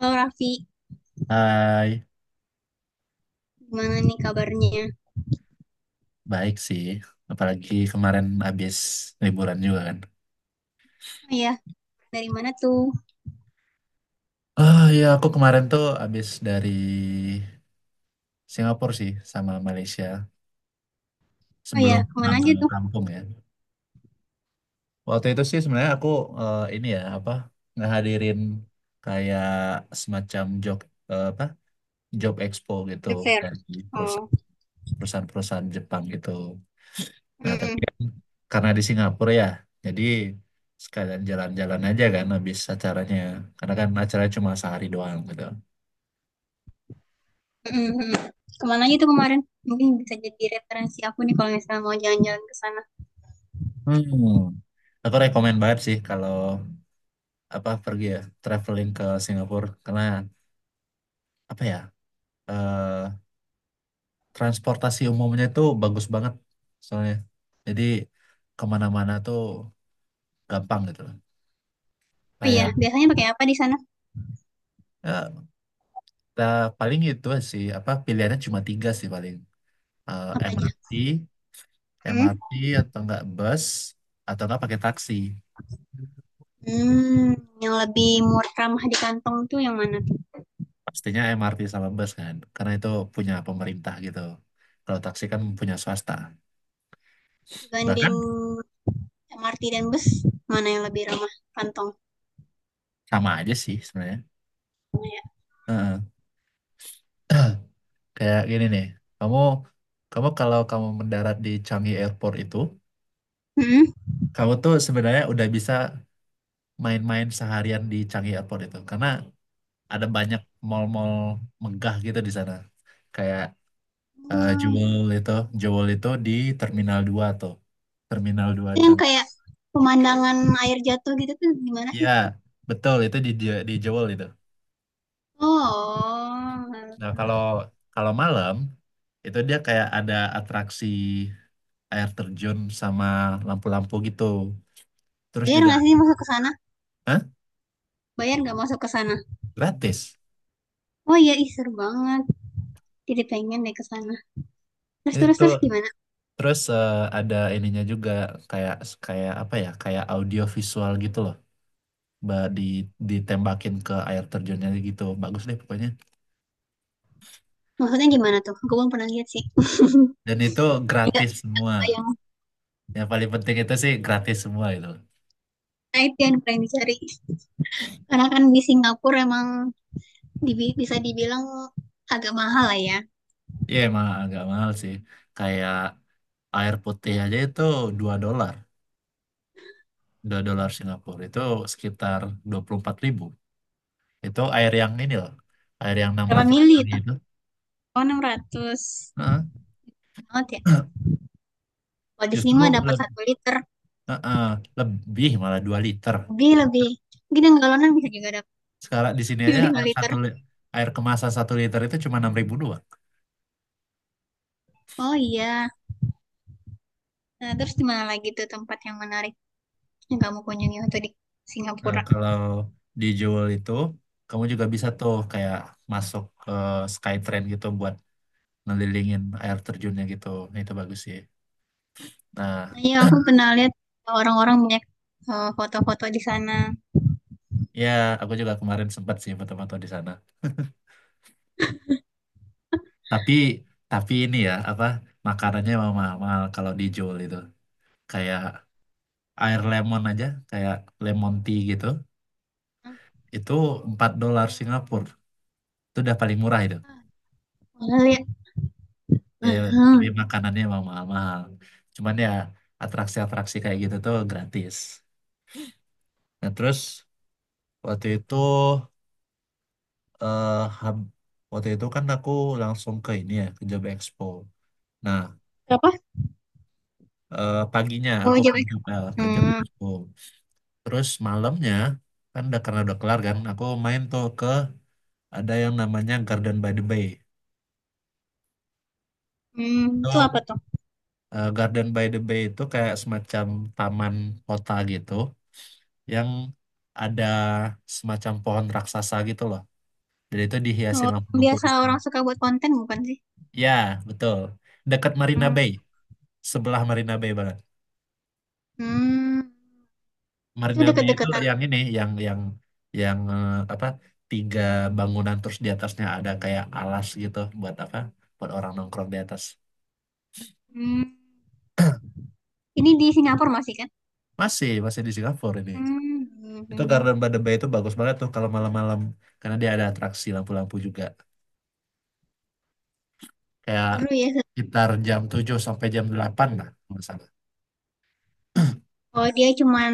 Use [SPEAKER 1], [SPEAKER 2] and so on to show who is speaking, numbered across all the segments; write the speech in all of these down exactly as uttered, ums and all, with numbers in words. [SPEAKER 1] Halo Raffi,
[SPEAKER 2] Hai,
[SPEAKER 1] gimana nih kabarnya?
[SPEAKER 2] baik sih. Apalagi kemarin habis liburan juga kan.
[SPEAKER 1] Oh ya, dari mana tuh?
[SPEAKER 2] Ah ya, aku kemarin tuh habis dari Singapura sih sama Malaysia
[SPEAKER 1] Oh ya,
[SPEAKER 2] sebelum
[SPEAKER 1] kemana
[SPEAKER 2] pulang ke
[SPEAKER 1] aja tuh?
[SPEAKER 2] kampung ya. Waktu itu sih sebenarnya aku eh, ini ya apa ngehadirin kayak semacam job eh, apa job expo gitu
[SPEAKER 1] Fair.
[SPEAKER 2] dari
[SPEAKER 1] Oh,
[SPEAKER 2] perusahaan perusahaan-perusahaan Jepang gitu. Nah, tapi
[SPEAKER 1] mm,
[SPEAKER 2] kan karena di Singapura ya, jadi sekalian jalan-jalan aja kan habis acaranya. Karena kan acaranya cuma sehari doang gitu.
[SPEAKER 1] mm, mm, mm. Kemana aja tuh kemarin? Mungkin bisa jadi referensi aku nih kalau misalnya mau jalan-jalan ke sana.
[SPEAKER 2] Hmm. Aku rekomen banget sih kalau apa pergi ya, traveling ke Singapura. Karena apa ya, eh, transportasi umumnya itu bagus banget soalnya. Jadi kemana-mana tuh gampang gitu loh.
[SPEAKER 1] Oh ya,
[SPEAKER 2] Kayak
[SPEAKER 1] biasanya pakai apa di sana?
[SPEAKER 2] ya, kita paling itu sih, apa pilihannya cuma tiga sih paling. Eh,
[SPEAKER 1] Apa aja?
[SPEAKER 2] M R T,
[SPEAKER 1] Hmm?
[SPEAKER 2] M R T atau enggak bus atau enggak pakai taksi.
[SPEAKER 1] Hmm, yang lebih murah ramah di kantong tuh yang mana tuh?
[SPEAKER 2] Pastinya M R T sama bus kan, karena itu punya pemerintah gitu. Kalau taksi kan punya swasta.
[SPEAKER 1] Dibanding
[SPEAKER 2] Bahkan
[SPEAKER 1] M R T dan bus, mana yang lebih ramah kantong?
[SPEAKER 2] sama aja sih sebenarnya. Heeh. Kayak gini nih, kamu kamu kalau kamu mendarat di Changi Airport itu,
[SPEAKER 1] Hmm?
[SPEAKER 2] kamu tuh sebenarnya udah bisa main-main seharian di Changi Airport itu, karena ada banyak mall-mall megah gitu di sana. Kayak eh,
[SPEAKER 1] Hmm,
[SPEAKER 2] Jewel itu, Jewel itu di Terminal dua tuh. Terminal dua.
[SPEAKER 1] itu yang kayak pemandangan air jatuh gitu tuh gimana
[SPEAKER 2] Ya,
[SPEAKER 1] sih?
[SPEAKER 2] betul itu di Je- di Jewel itu.
[SPEAKER 1] Oh,
[SPEAKER 2] Nah, kalau kalau malam itu dia kayak ada atraksi air terjun sama lampu-lampu gitu. Terus
[SPEAKER 1] bayar
[SPEAKER 2] juga,
[SPEAKER 1] nggak sih masuk ke sana?
[SPEAKER 2] Hah?
[SPEAKER 1] Bayar nggak masuk ke sana?
[SPEAKER 2] Gratis.
[SPEAKER 1] Oh iya, ih seru banget. Jadi pengen deh ke sana. Terus terus
[SPEAKER 2] Itu
[SPEAKER 1] terus gimana?
[SPEAKER 2] terus eh, ada ininya juga kayak kayak apa ya? Kayak audio visual gitu loh. Ba- Di ditembakin ke air terjunnya gitu. Bagus deh pokoknya.
[SPEAKER 1] Maksudnya gimana tuh? Gue belum pernah lihat sih.
[SPEAKER 2] Dan itu
[SPEAKER 1] Iya,
[SPEAKER 2] gratis
[SPEAKER 1] aku
[SPEAKER 2] semua.
[SPEAKER 1] bayang.
[SPEAKER 2] Yang paling penting itu sih gratis semua itu.
[SPEAKER 1] Nah itu yang paling dicari. Karena kan di Singapura emang dibi- bisa dibilang agak mahal lah ya.
[SPEAKER 2] Iya, emang agak mahal sih. Kayak air putih aja itu dua dolar dua dolar Singapura itu sekitar dua puluh empat ribu. Itu air yang ini loh, air yang enam
[SPEAKER 1] Berapa
[SPEAKER 2] ratus
[SPEAKER 1] mili
[SPEAKER 2] mili
[SPEAKER 1] itu?
[SPEAKER 2] itu.
[SPEAKER 1] Oh enam ratus
[SPEAKER 2] Heeh.
[SPEAKER 1] banget ya. Kalau di sini
[SPEAKER 2] Justru
[SPEAKER 1] mah dapat
[SPEAKER 2] le-
[SPEAKER 1] satu liter.
[SPEAKER 2] heeh, lebih malah dua liter.
[SPEAKER 1] Lebih lebih. Mungkin yang galonan bisa juga dapat
[SPEAKER 2] Sekarang di sini
[SPEAKER 1] yang
[SPEAKER 2] aja
[SPEAKER 1] lima
[SPEAKER 2] air
[SPEAKER 1] liter.
[SPEAKER 2] satu li- air kemasan satu liter itu cuma enam ribu doang.
[SPEAKER 1] Oh iya. Nah, terus di mana lagi tuh tempat yang menarik yang kamu kunjungi waktu di
[SPEAKER 2] Nah,
[SPEAKER 1] Singapura?
[SPEAKER 2] kalau dijual itu kamu juga bisa tuh kayak masuk ke Skytrain gitu buat ngelilingin air terjunnya gitu. Nah, itu bagus sih nah.
[SPEAKER 1] Nah, iya aku pernah lihat orang-orang banyak eh, foto-foto di sana.
[SPEAKER 2] Ya, aku juga kemarin sempat sih foto-foto di sana. Tapi tapi ini ya apa makanannya emang mahal-mahal kalau dijual itu. Kayak air lemon aja, kayak lemon tea gitu, itu empat dolar Singapura. Itu udah paling murah itu.
[SPEAKER 1] Ah, pernah lihat.
[SPEAKER 2] Ya, tapi
[SPEAKER 1] Hmm.
[SPEAKER 2] makanannya emang mahal-mahal. Cuman ya atraksi-atraksi kayak gitu tuh gratis. Nah, terus waktu itu eh hab- waktu itu kan aku langsung ke ini ya, ke Job Expo. Nah,
[SPEAKER 1] Apa?
[SPEAKER 2] eh, paginya
[SPEAKER 1] Oh,
[SPEAKER 2] aku ke
[SPEAKER 1] Jawa.
[SPEAKER 2] Job, eh, ke Job
[SPEAKER 1] Hmm.
[SPEAKER 2] Expo. Terus malamnya kan udah karena udah kelar kan, aku main tuh ke ada yang namanya Garden by the Bay.
[SPEAKER 1] Hmm,
[SPEAKER 2] Itu
[SPEAKER 1] itu apa tuh?
[SPEAKER 2] eh, Garden by the Bay itu kayak semacam taman kota gitu yang ada semacam pohon raksasa gitu loh. Jadi itu dihiasi
[SPEAKER 1] Oh, yang
[SPEAKER 2] lampu-lampu
[SPEAKER 1] biasa
[SPEAKER 2] gitu.
[SPEAKER 1] orang suka buat konten bukan sih?
[SPEAKER 2] Ya, betul. Dekat Marina
[SPEAKER 1] Hmm.
[SPEAKER 2] Bay, sebelah Marina Bay banget.
[SPEAKER 1] Hmm. Itu
[SPEAKER 2] Marina Bay itu
[SPEAKER 1] deket-deketan.
[SPEAKER 2] yang ini, yang yang yang eh, apa? Tiga bangunan terus di atasnya ada kayak alas gitu buat apa? Buat orang nongkrong di atas.
[SPEAKER 1] Hmm. Ini di Singapura masih kan?
[SPEAKER 2] Masih, masih di Singapura ini.
[SPEAKER 1] Hmm.
[SPEAKER 2] Itu
[SPEAKER 1] Hmm.
[SPEAKER 2] Garden by the Bay itu bagus banget tuh kalau malam-malam. Karena dia ada atraksi lampu-lampu juga. Kayak
[SPEAKER 1] Seru ya.
[SPEAKER 2] sekitar jam tujuh sampai jam delapan lah, kalau nggak salah.
[SPEAKER 1] Oh, dia cuman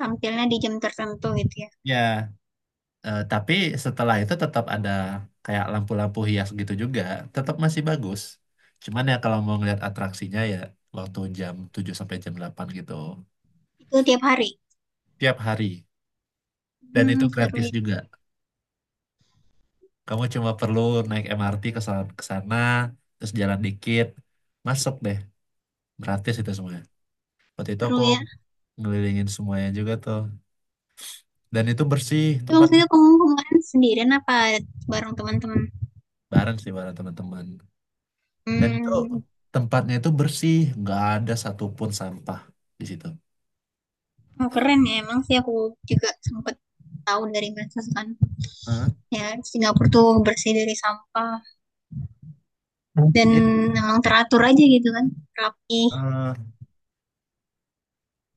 [SPEAKER 1] tampilnya di jam tertentu gitu ya.
[SPEAKER 2] Ya, eh, tapi setelah itu tetap ada kayak lampu-lampu hias gitu juga. Tetap masih bagus. Cuman ya kalau mau ngeliat atraksinya ya waktu jam tujuh sampai jam delapan gitu.
[SPEAKER 1] Itu tiap hari.
[SPEAKER 2] Tiap hari. Dan itu
[SPEAKER 1] Hmm, seru
[SPEAKER 2] gratis
[SPEAKER 1] ya.
[SPEAKER 2] juga. Kamu cuma perlu naik M R T ke sana, ke sana, terus jalan dikit, masuk deh. Gratis itu semua. Waktu itu aku
[SPEAKER 1] Seru ya.
[SPEAKER 2] ngelilingin semuanya juga tuh. Dan itu bersih
[SPEAKER 1] Itu
[SPEAKER 2] tempatnya.
[SPEAKER 1] maksudnya kamu kemarin sendirian apa bareng teman-teman?
[SPEAKER 2] Bareng sih bareng teman-teman. Dan itu
[SPEAKER 1] Hmm.
[SPEAKER 2] tempatnya itu bersih. Nggak ada satupun sampah di situ.
[SPEAKER 1] Oh, keren ya, emang sih aku juga sempat tahu dari medsos kan,
[SPEAKER 2] Hah?
[SPEAKER 1] ya Singapura tuh bersih dari sampah dan
[SPEAKER 2] Iya.
[SPEAKER 1] emang teratur aja gitu kan, rapi.
[SPEAKER 2] Eh,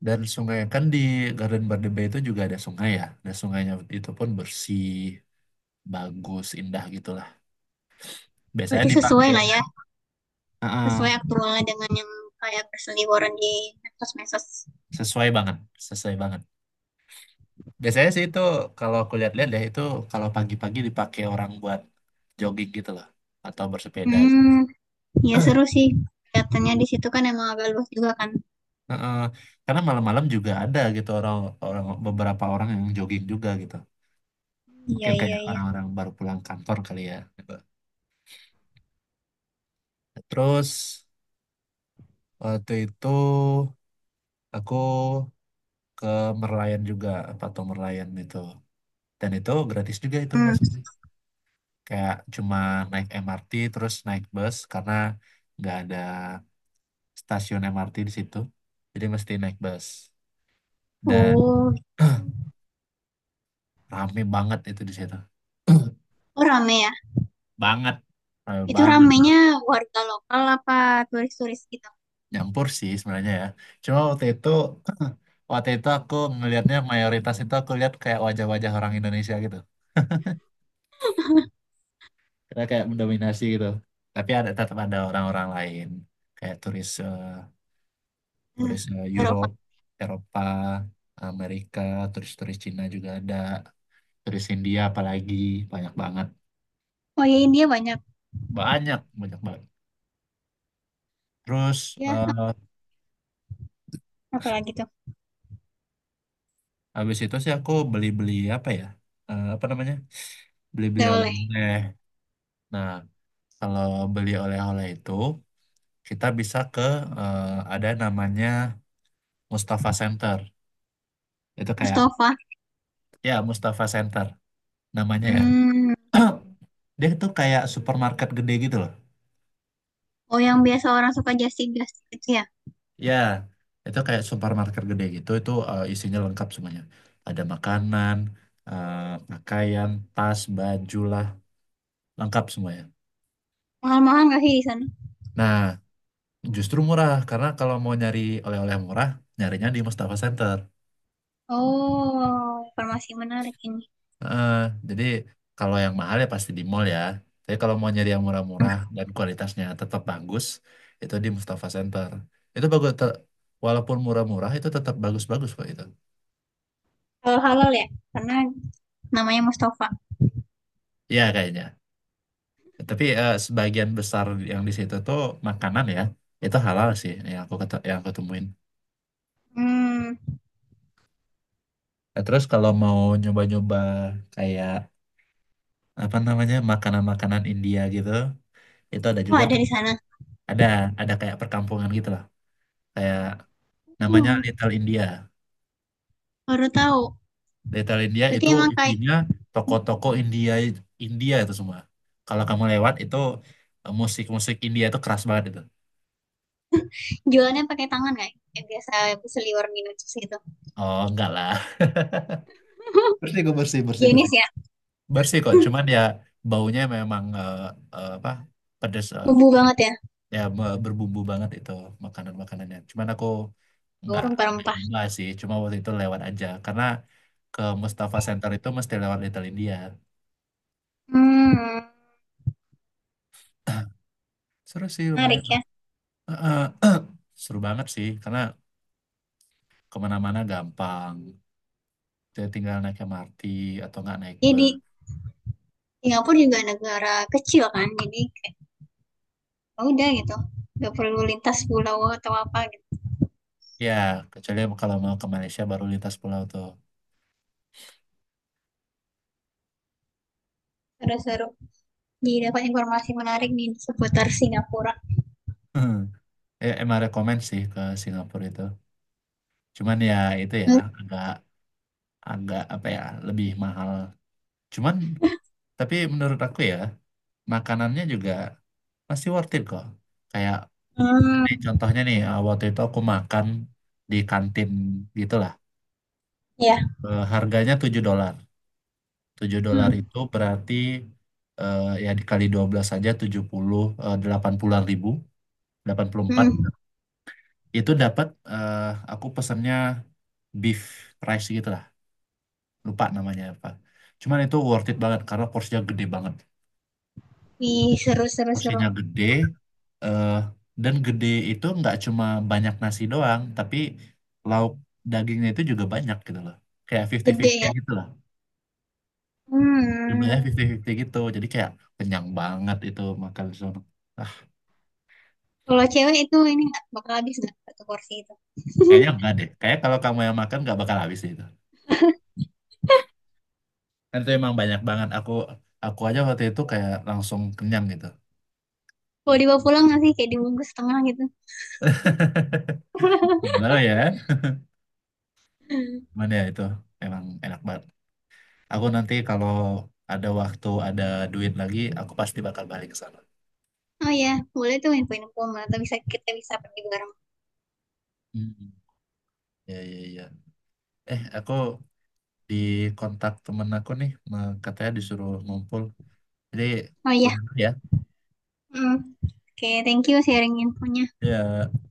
[SPEAKER 2] dan sungai kan di Garden by the Bay itu juga ada sungai ya. Nah sungainya itu pun bersih, bagus, indah gitulah. Biasanya
[SPEAKER 1] Berarti sesuai
[SPEAKER 2] dipakai.
[SPEAKER 1] lah ya,
[SPEAKER 2] Heeh,
[SPEAKER 1] sesuai aktualnya dengan yang kayak berseliweran di medsos-medsos.
[SPEAKER 2] sesuai banget, sesuai banget. Biasanya sih itu kalau aku lihat-lihat ya itu kalau pagi-pagi dipakai orang buat jogging gitu loh atau bersepeda.
[SPEAKER 1] Hmm, ya seru sih, kelihatannya di situ kan emang agak luas juga kan.
[SPEAKER 2] Heeh, karena malam-malam juga ada gitu orang orang beberapa orang yang jogging juga gitu.
[SPEAKER 1] Iya
[SPEAKER 2] Mungkin
[SPEAKER 1] iya
[SPEAKER 2] kayak
[SPEAKER 1] iya.
[SPEAKER 2] orang-orang baru pulang kantor kali ya, gitu. Terus waktu itu aku ke Merlion juga Patung Merlion itu. Dan itu gratis juga itu
[SPEAKER 1] Hmm.
[SPEAKER 2] maksudnya. Kayak cuma naik M R T terus naik bus karena nggak ada stasiun M R T di situ. Jadi mesti naik bus. Dan
[SPEAKER 1] Oh,
[SPEAKER 2] rame banget itu di situ.
[SPEAKER 1] oh rame ya.
[SPEAKER 2] Banget. Rame
[SPEAKER 1] Itu
[SPEAKER 2] banget.
[SPEAKER 1] ramenya warga lokal apa turis-turis gitu?
[SPEAKER 2] Nyampur sih sebenarnya ya. Cuma waktu itu waktu itu aku ngelihatnya mayoritas itu aku lihat kayak wajah-wajah orang Indonesia gitu. Karena kayak mendominasi gitu. Tapi ada tetap ada orang-orang lain kayak turis eh,
[SPEAKER 1] Eh,
[SPEAKER 2] turis eh,
[SPEAKER 1] Eropa.
[SPEAKER 2] Europe, Eropa, Amerika, turis-turis Cina juga ada, turis India apalagi banyak banget.
[SPEAKER 1] Oh iya, India banyak
[SPEAKER 2] Banyak, banyak banget. Terus
[SPEAKER 1] ya.
[SPEAKER 2] eh,
[SPEAKER 1] Apalagi
[SPEAKER 2] habis itu sih aku beli-beli apa ya? Eh, apa namanya? Beli-beli
[SPEAKER 1] gak boleh.
[SPEAKER 2] oleh-oleh. Nah, kalau beli oleh-oleh itu kita bisa ke eh, ada namanya Mustafa Center. Itu kayak
[SPEAKER 1] Mustafa.
[SPEAKER 2] ya Mustafa Center namanya ya.
[SPEAKER 1] Hmm.
[SPEAKER 2] Dia itu kayak supermarket gede gitu loh.
[SPEAKER 1] Oh, yang biasa orang suka Justin Justin itu ya?
[SPEAKER 2] Ya, itu kayak supermarket gede gitu. Itu eh, isinya lengkap semuanya. Ada makanan, eh, pakaian, tas, baju lah, lengkap semuanya.
[SPEAKER 1] Mahal-mahal nggak sih di sana?
[SPEAKER 2] Nah, justru murah karena kalau mau nyari oleh-oleh murah, nyarinya di Mustafa Center.
[SPEAKER 1] Oh, informasi menarik ini.
[SPEAKER 2] Heeh, jadi kalau yang mahal ya pasti di mall ya. Tapi kalau mau nyari yang murah-murah dan kualitasnya tetap bagus, itu di Mustafa Center. Itu bagus, te- walaupun murah-murah itu tetap bagus-bagus kok itu.
[SPEAKER 1] Kalau halal ya? Karena namanya Mustafa.
[SPEAKER 2] Iya kayaknya. Tapi eh, sebagian besar yang di situ tuh makanan ya, itu halal sih yang aku kete- yang aku temuin.
[SPEAKER 1] Hmm.
[SPEAKER 2] Nah, terus kalau mau nyoba-nyoba kayak apa namanya makanan-makanan India gitu, itu ada
[SPEAKER 1] Oh,
[SPEAKER 2] juga
[SPEAKER 1] ada
[SPEAKER 2] tuh.
[SPEAKER 1] di sana.
[SPEAKER 2] Ada ada kayak perkampungan gitu lah, kayak namanya
[SPEAKER 1] Oh,
[SPEAKER 2] Little India.
[SPEAKER 1] baru tahu.
[SPEAKER 2] Little India
[SPEAKER 1] Berarti
[SPEAKER 2] itu
[SPEAKER 1] emang kayak
[SPEAKER 2] isinya toko-toko India India itu semua. Kalau kamu lewat itu eh, musik-musik India itu keras banget itu.
[SPEAKER 1] jualannya pakai tangan kayak yang biasa seliwer minum jus gitu.
[SPEAKER 2] Oh enggak lah. Bersih kok bersih bersih
[SPEAKER 1] Jenis
[SPEAKER 2] bersih.
[SPEAKER 1] ya.
[SPEAKER 2] Bersih kok, cuman ya baunya memang eh, eh, apa pedes eh,
[SPEAKER 1] Bumbu banget ya.
[SPEAKER 2] ya be- berbumbu banget itu makanan-makanannya. Cuman aku
[SPEAKER 1] Bau
[SPEAKER 2] enggak enggak
[SPEAKER 1] rempah-rempah.
[SPEAKER 2] nyoba sih, cuma waktu itu lewat aja karena ke Mustafa Center itu mesti lewat Little India.
[SPEAKER 1] Hmm.
[SPEAKER 2] Seru sih lumayan.
[SPEAKER 1] Menarik ya.
[SPEAKER 2] Eh, eh, Seru banget sih karena kemana-mana gampang. Jadi tinggal naik M R T atau nggak naik
[SPEAKER 1] Jadi
[SPEAKER 2] bus.
[SPEAKER 1] Singapura juga negara kecil kan, jadi ya udah gitu nggak perlu lintas pulau atau apa gitu.
[SPEAKER 2] Ya, kecuali kalau mau ke Malaysia baru lintas pulau tuh.
[SPEAKER 1] Seru-seru, jadi dapat informasi menarik nih seputar Singapura.
[SPEAKER 2] Ya, emang rekomen sih ke Singapura itu. Cuman ya itu ya
[SPEAKER 1] hmm,
[SPEAKER 2] agak agak apa ya lebih mahal. Cuman tapi menurut aku ya makanannya juga masih worth it kok. Kayak
[SPEAKER 1] hmm,
[SPEAKER 2] ini contohnya nih eh, waktu itu aku makan di kantin gitulah.
[SPEAKER 1] Ya.
[SPEAKER 2] Eh, Harganya tujuh dolar. Tujuh dolar
[SPEAKER 1] hmm,
[SPEAKER 2] itu berarti eh, ya dikali dua belas saja tujuh puluh eh, delapan puluh ribu delapan puluh empat
[SPEAKER 1] hmm.
[SPEAKER 2] itu dapat eh, aku pesennya beef rice gitu lah lupa namanya apa cuman itu worth it banget karena porsinya gede banget.
[SPEAKER 1] Wih, seru seru seru.
[SPEAKER 2] Porsinya gede eh, dan gede itu nggak cuma banyak nasi doang tapi lauk dagingnya itu juga banyak gitu loh kayak
[SPEAKER 1] Gede
[SPEAKER 2] fifty fifty
[SPEAKER 1] ya.
[SPEAKER 2] gitu lah.
[SPEAKER 1] Hmm.
[SPEAKER 2] Jumlahnya lima puluh lima puluh gitu jadi kayak kenyang banget itu makan di sana.
[SPEAKER 1] Kalau cewek itu ini nggak bakal habis nggak satu porsi itu.
[SPEAKER 2] Kayaknya enggak deh. Kayak kalau kamu yang makan nggak bakal habis deh itu. Dan itu emang banyak banget. Aku aku aja waktu itu kayak langsung kenyang gitu.
[SPEAKER 1] Kalau dibawa pulang nggak sih, kayak dibungkus setengah gitu?
[SPEAKER 2] Halo ya, mana ya itu emang enak banget. Aku nanti kalau ada waktu, ada duit lagi, aku pasti bakal balik ke sana.
[SPEAKER 1] Oh ya, boleh tuh info-info atau bisa kita bisa pergi bareng.
[SPEAKER 2] Hmm. Ya, ya, ya. Eh, aku di kontak temen aku nih, me- katanya disuruh ngumpul. Jadi,
[SPEAKER 1] Oh
[SPEAKER 2] udah
[SPEAKER 1] ya.
[SPEAKER 2] dulu ya.
[SPEAKER 1] Hmm. Oke, thank you sharing infonya.
[SPEAKER 2] Ya.